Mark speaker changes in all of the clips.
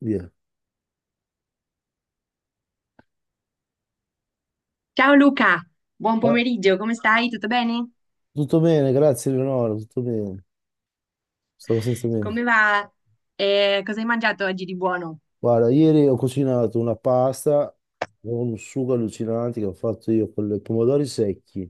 Speaker 1: Via.
Speaker 2: Ciao Luca, buon
Speaker 1: Ah,
Speaker 2: pomeriggio, come stai? Tutto bene?
Speaker 1: Tutto bene, grazie Leonora, tutto bene. Stavo senza me.
Speaker 2: Come va? Cosa hai mangiato oggi di buono?
Speaker 1: Guarda, ieri ho cucinato una pasta con un sugo allucinante che ho fatto io con i pomodori secchi.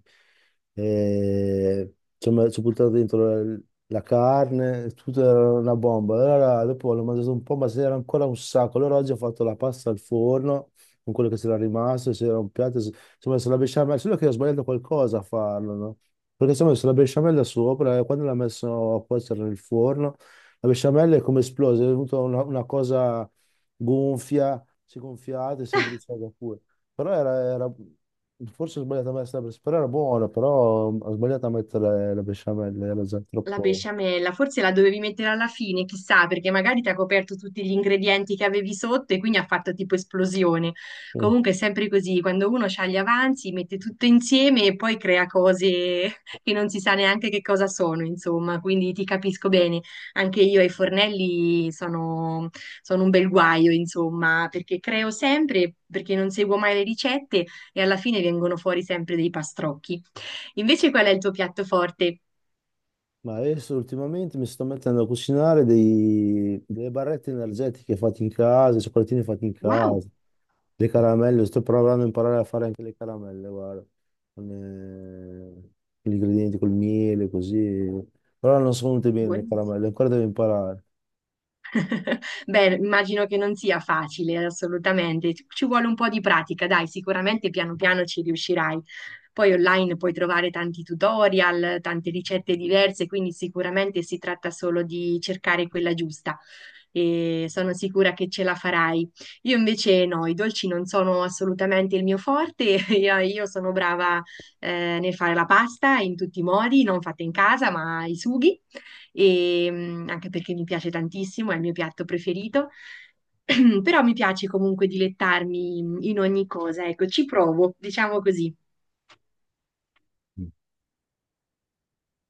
Speaker 1: E ci ho buttato dentro la, la carne, tutto era una bomba. Allora, dopo l'ho mangiato un po', ma c'era ancora un sacco. Allora oggi ho fatto la pasta al forno con quello che c'era rimasto, c'era un piatto, ci ho messo la besciamella, solo che ho sbagliato qualcosa a farlo, no? Perché ci ho messo la besciamella sopra e quando l'ho messo a cuocere nel forno, la besciamella è come esplosa, è venuta una cosa gonfia, si gonfiate, sembra di saga pure. Però era forse ho sbagliato a mettere la besciamella, però era buona, però ho sbagliato a mettere la besciamella, era già
Speaker 2: La
Speaker 1: troppo.
Speaker 2: besciamella, forse la dovevi mettere alla fine, chissà, perché magari ti ha coperto tutti gli ingredienti che avevi sotto e quindi ha fatto tipo esplosione.
Speaker 1: Mm.
Speaker 2: Comunque è sempre così, quando uno ha gli avanzi, mette tutto insieme e poi crea cose che non si sa neanche che cosa sono, insomma, quindi ti capisco bene. Anche io ai fornelli sono un bel guaio, insomma, perché creo sempre, perché non seguo mai le ricette e alla fine vengono fuori sempre dei pastrocchi. Invece qual è il tuo piatto forte?
Speaker 1: Ma adesso ultimamente mi sto mettendo a cucinare delle barrette energetiche fatte in casa, i cioccolatini fatti in
Speaker 2: Wow!
Speaker 1: casa, le caramelle, sto provando a imparare a fare anche le caramelle, guarda, con, eh, con gli ingredienti, col miele, così. Però non sono venute bene le
Speaker 2: Buonissimo.
Speaker 1: caramelle, ancora devo imparare.
Speaker 2: Beh, immagino che non sia facile, assolutamente. Ci vuole un po' di pratica, dai, sicuramente piano piano ci riuscirai. Poi online puoi trovare tanti tutorial, tante ricette diverse, quindi sicuramente si tratta solo di cercare quella giusta. E sono sicura che ce la farai. Io invece no, i dolci non sono assolutamente il mio forte. Io sono brava nel fare la pasta in tutti i modi, non fatta in casa, ma i sughi e anche perché mi piace tantissimo, è il mio piatto preferito, però mi piace comunque dilettarmi in ogni cosa, ecco, ci provo, diciamo così.
Speaker 1: Mm.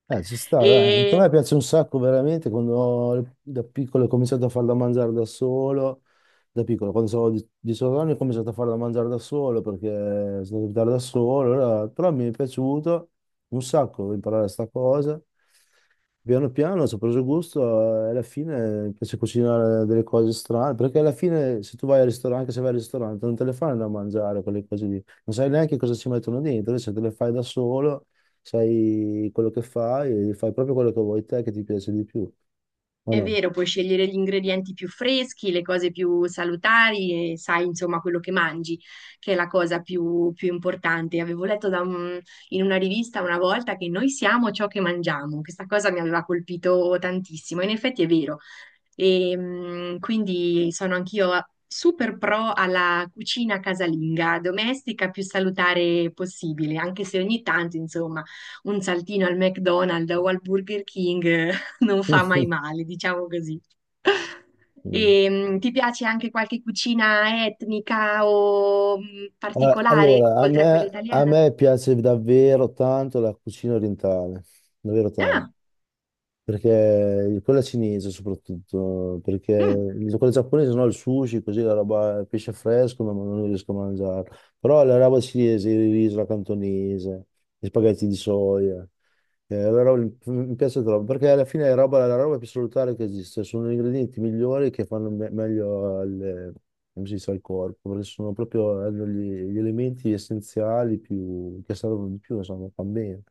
Speaker 1: Ci sta, dai. A
Speaker 2: E
Speaker 1: me piace un sacco veramente quando da piccolo ho cominciato a farla mangiare da solo. Da piccolo, quando avevo 18 anni, ho cominciato a farla mangiare da solo perché sono andato a abitare da solo però mi è piaciuto un sacco imparare questa cosa. Piano piano ci ho preso gusto, e alla fine mi piace cucinare delle cose strane. Perché alla fine, se tu vai al ristorante, anche se vai al ristorante, non te le fanno da mangiare quelle cose lì, non sai neanche cosa ci mettono dentro, invece te le fai da solo, sai quello che fai e fai proprio quello che vuoi te che ti piace di più, o
Speaker 2: È
Speaker 1: no?
Speaker 2: vero, puoi scegliere gli ingredienti più freschi, le cose più salutari e sai insomma quello che mangi, che è la cosa più importante. Avevo letto da in una rivista una volta che noi siamo ciò che mangiamo. Questa cosa mi aveva colpito tantissimo. In effetti è vero. E, quindi sono anch'io super pro alla cucina casalinga, domestica più salutare possibile, anche se ogni tanto insomma un saltino al McDonald's o al Burger King non fa mai male, diciamo così. E, ti piace anche qualche cucina etnica o particolare,
Speaker 1: Allora,
Speaker 2: oltre a quella
Speaker 1: a
Speaker 2: italiana?
Speaker 1: me piace davvero tanto la cucina orientale, davvero tanto.
Speaker 2: Ah,
Speaker 1: Perché quella cinese soprattutto, perché
Speaker 2: mm.
Speaker 1: quella giapponese no, il sushi, così la roba, il pesce fresco, no, ma non riesco a mangiare. Però la roba cinese, il riso, la cantonese, gli spaghetti di soia, mi piace troppo, perché alla fine è roba, la roba più salutare che esiste, sono gli ingredienti migliori che fanno meglio al, come si dice, al corpo, perché sono proprio hanno gli elementi essenziali più, che servono di più, insomma, fa bene.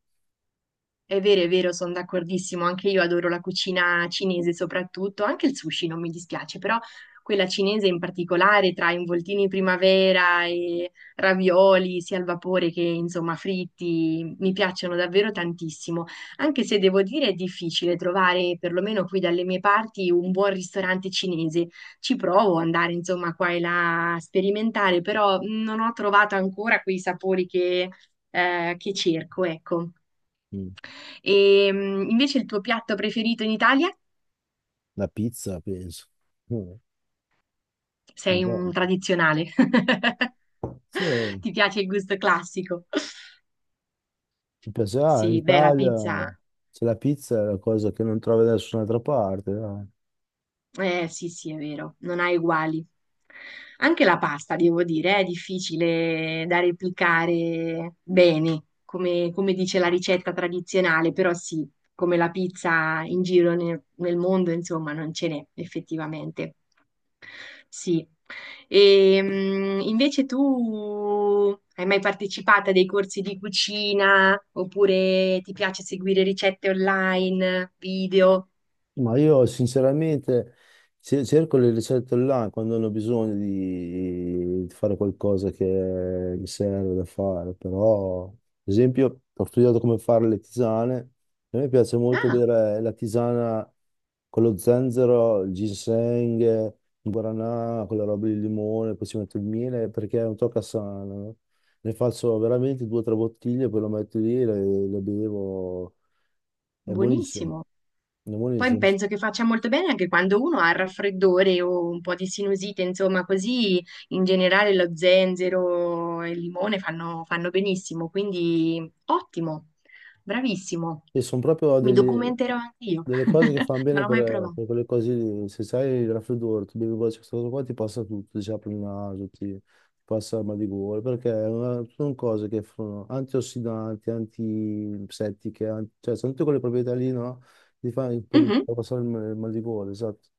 Speaker 2: È vero, sono d'accordissimo, anche io adoro la cucina cinese soprattutto, anche il sushi non mi dispiace, però quella cinese in particolare tra involtini in primavera e ravioli sia al vapore che insomma fritti, mi piacciono davvero tantissimo, anche se devo dire è difficile trovare, perlomeno qui dalle mie parti, un buon ristorante cinese. Ci provo ad andare insomma qua e là a sperimentare, però non ho trovato ancora quei sapori che cerco, ecco.
Speaker 1: Mm.
Speaker 2: E invece il tuo piatto preferito in Italia?
Speaker 1: La pizza, penso. Mm. È
Speaker 2: Sei un
Speaker 1: buono.
Speaker 2: tradizionale.
Speaker 1: Sì, mi
Speaker 2: Ti piace il gusto classico?
Speaker 1: piacerà. In
Speaker 2: Sì, beh, la
Speaker 1: Italia
Speaker 2: pizza.
Speaker 1: c'è la pizza, è la cosa che non trovi da nessun'altra parte. Dai.
Speaker 2: Eh sì, sì, è vero, non ha uguali. Anche la pasta, devo dire, è difficile da replicare bene, come dice la ricetta tradizionale, però sì, come la pizza in giro nel mondo, insomma, non ce n'è effettivamente. Sì. E, invece tu hai mai partecipato a dei corsi di cucina oppure ti piace seguire ricette online, video?
Speaker 1: Ma io sinceramente cerco le ricette online quando hanno bisogno di fare qualcosa che mi serve da fare, però ad esempio ho studiato come fare le tisane, a me piace molto
Speaker 2: Ah,
Speaker 1: bere la tisana con lo zenzero, il ginseng, il guaranà, quella roba di limone, poi ci metto il miele perché è un tocca sano, no? Ne faccio veramente due o tre bottiglie, poi lo metto lì e le bevo, è buonissimo.
Speaker 2: buonissimo.
Speaker 1: È
Speaker 2: Poi
Speaker 1: buonissimo, sì.
Speaker 2: penso che faccia molto bene anche quando uno ha il raffreddore o un po' di sinusite, insomma, così in generale lo zenzero e il limone fanno benissimo, quindi ottimo, bravissimo.
Speaker 1: Sì, sono proprio
Speaker 2: Mi documenterò anche io,
Speaker 1: delle cose che fanno
Speaker 2: non
Speaker 1: bene
Speaker 2: l'ho mai provato.
Speaker 1: per quelle cose lì. Se sai il raffreddore, tu bevi questa cosa qua, ti passa tutto, ti apre il naso, ti passa il mal di gola, perché è sono cose che sono antiossidanti, antiseptiche, cioè sono tutte quelle proprietà lì, no? Ti fa
Speaker 2: Mhm,
Speaker 1: per passare il mal di gola, esatto.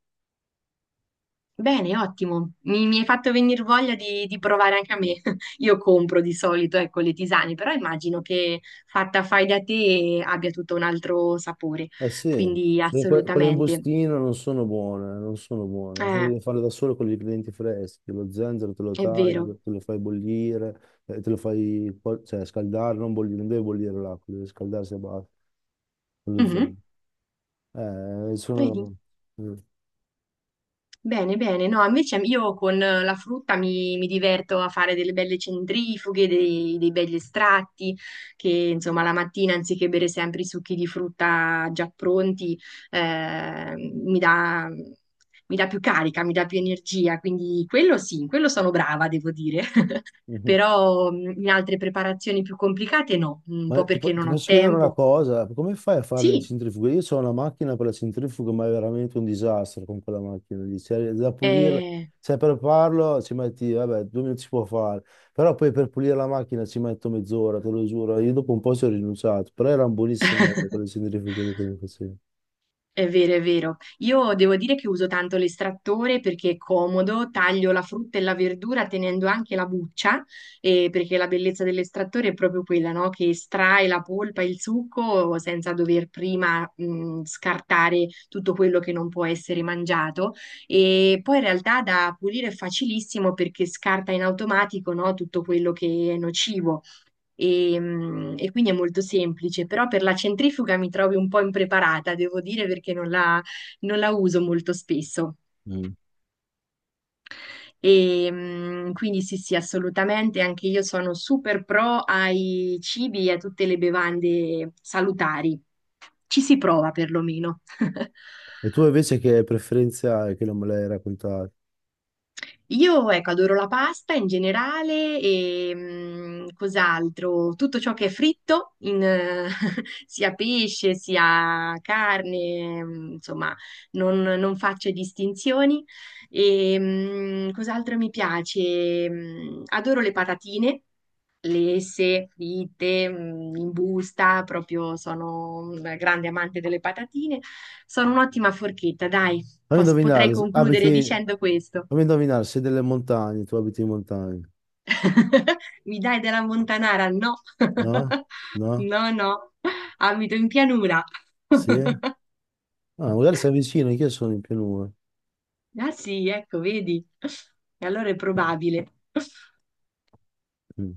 Speaker 2: bene, ottimo. Mi hai fatto venire voglia di provare anche a me. Io compro di solito, ecco, le tisane, però immagino che fatta fai da te abbia tutto un altro sapore,
Speaker 1: Eh sì,
Speaker 2: quindi
Speaker 1: perché quelle in
Speaker 2: assolutamente.
Speaker 1: bustino non sono buone, non sono buone. Quindi
Speaker 2: Eh,
Speaker 1: devi farle da solo con gli ingredienti freschi, lo zenzero te lo
Speaker 2: È
Speaker 1: tagli,
Speaker 2: vero.
Speaker 1: te lo fai bollire, te lo fai cioè, scaldare, non bollire, non deve bollire l'acqua, deve scaldarsi a basta, con lo
Speaker 2: Mhm.
Speaker 1: zenzero.
Speaker 2: Vedi?
Speaker 1: Sono...
Speaker 2: Bene, bene. No, invece io con la frutta mi diverto a fare delle belle centrifughe, dei begli estratti, che insomma la mattina anziché bere sempre i succhi di frutta già pronti, eh, mi dà, mi dà più carica, mi dà più energia. Quindi quello sì, in quello sono brava, devo dire.
Speaker 1: Mm.
Speaker 2: Però in altre preparazioni più complicate no, un
Speaker 1: Ma
Speaker 2: po' perché
Speaker 1: ti
Speaker 2: non ho
Speaker 1: posso chiedere una
Speaker 2: tempo.
Speaker 1: cosa, come fai a fare le
Speaker 2: Sì,
Speaker 1: centrifughe? Io ho una macchina per la centrifuga, ma è veramente un disastro con quella macchina lì. Cioè, da pulirla,
Speaker 2: eh...
Speaker 1: cioè per farlo ci metti, vabbè, 2 minuti si può fare, però poi per pulire la macchina ci metto mezz'ora, te lo giuro. Io dopo un po' ci ho rinunciato, però erano buonissime quelle centrifughe lì che mi facevi.
Speaker 2: È vero, è vero. Io devo dire che uso tanto l'estrattore perché è comodo, taglio la frutta e la verdura tenendo anche la buccia, perché la bellezza dell'estrattore è proprio quella, no? Che estrae la polpa e il succo senza dover prima, scartare tutto quello che non può essere mangiato. E poi in realtà da pulire è facilissimo perché scarta in automatico, no? Tutto quello che è nocivo e quindi è molto semplice, però per la centrifuga mi trovi un po' impreparata, devo dire, perché non la uso molto spesso.
Speaker 1: Mm.
Speaker 2: E, quindi sì, sì, assolutamente, anche io sono super pro ai cibi e a tutte le bevande salutari. Ci si prova perlomeno.
Speaker 1: E tu invece che preferenze hai che non me l'hai raccontato?
Speaker 2: Io, ecco, adoro la pasta in generale e cos'altro? Tutto ciò che è fritto, sia pesce sia carne, insomma, non faccio distinzioni. E, cos'altro mi piace? Adoro le patatine. Lesse, fritte, in busta, proprio sono un grande amante delle patatine. Sono un'ottima forchetta, dai,
Speaker 1: Fammi
Speaker 2: potrei
Speaker 1: indovinare, s-
Speaker 2: concludere
Speaker 1: abiti,
Speaker 2: dicendo questo.
Speaker 1: Fammi indovinare, sei delle montagne, tu abiti in montagna,
Speaker 2: Mi dai della Montanara? No,
Speaker 1: no? No?
Speaker 2: no, no, abito in pianura.
Speaker 1: Sì? Ah, magari sei vicino, che sono in pianura.
Speaker 2: Ah sì, ecco, vedi. E allora è probabile.
Speaker 1: Mm.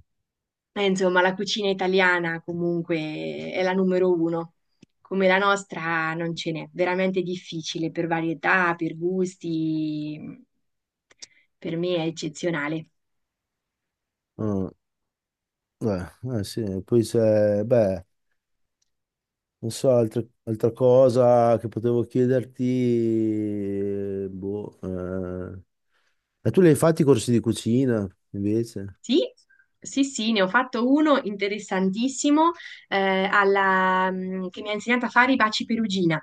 Speaker 2: Insomma, la cucina italiana comunque è la numero uno. Come la nostra non ce n'è, veramente difficile per varietà, per gusti. Per me è eccezionale.
Speaker 1: Ah, eh, sì, poi se, beh, non so, altra cosa che potevo chiederti, boh, eh. E tu li hai fatti i corsi di cucina, invece?
Speaker 2: Sì, sì, sì, ne ho fatto uno interessantissimo che mi ha insegnato a fare i baci perugina.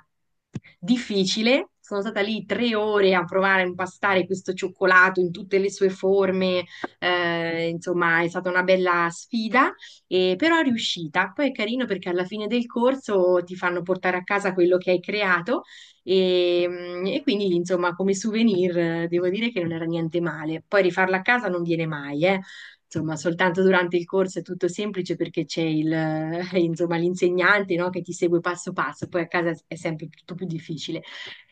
Speaker 2: Difficile, sono stata lì 3 ore a provare a impastare questo cioccolato in tutte le sue forme, insomma è stata una bella sfida, però è riuscita. Poi è carino perché alla fine del corso ti fanno portare a casa quello che hai creato e quindi insomma come souvenir devo dire che non era niente male. Poi rifarla a casa non viene mai, eh. Insomma, soltanto durante il corso è tutto semplice perché c'è insomma, l'insegnante, no, che ti segue passo passo, poi a casa è sempre tutto più difficile.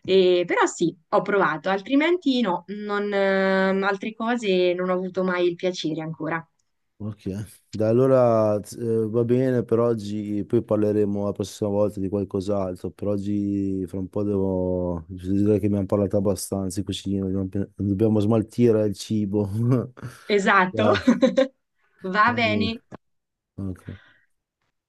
Speaker 2: Però sì, ho provato, altrimenti no, non, altre cose non ho avuto mai il piacere ancora.
Speaker 1: Ok, da allora, va bene per oggi, poi parleremo la prossima volta di qualcos'altro, per oggi fra un po' devo, devo dire che abbiamo parlato abbastanza di cucina, dobbiamo, dobbiamo smaltire il cibo.
Speaker 2: Esatto,
Speaker 1: Dai.
Speaker 2: va
Speaker 1: Anche.
Speaker 2: bene.
Speaker 1: Ok.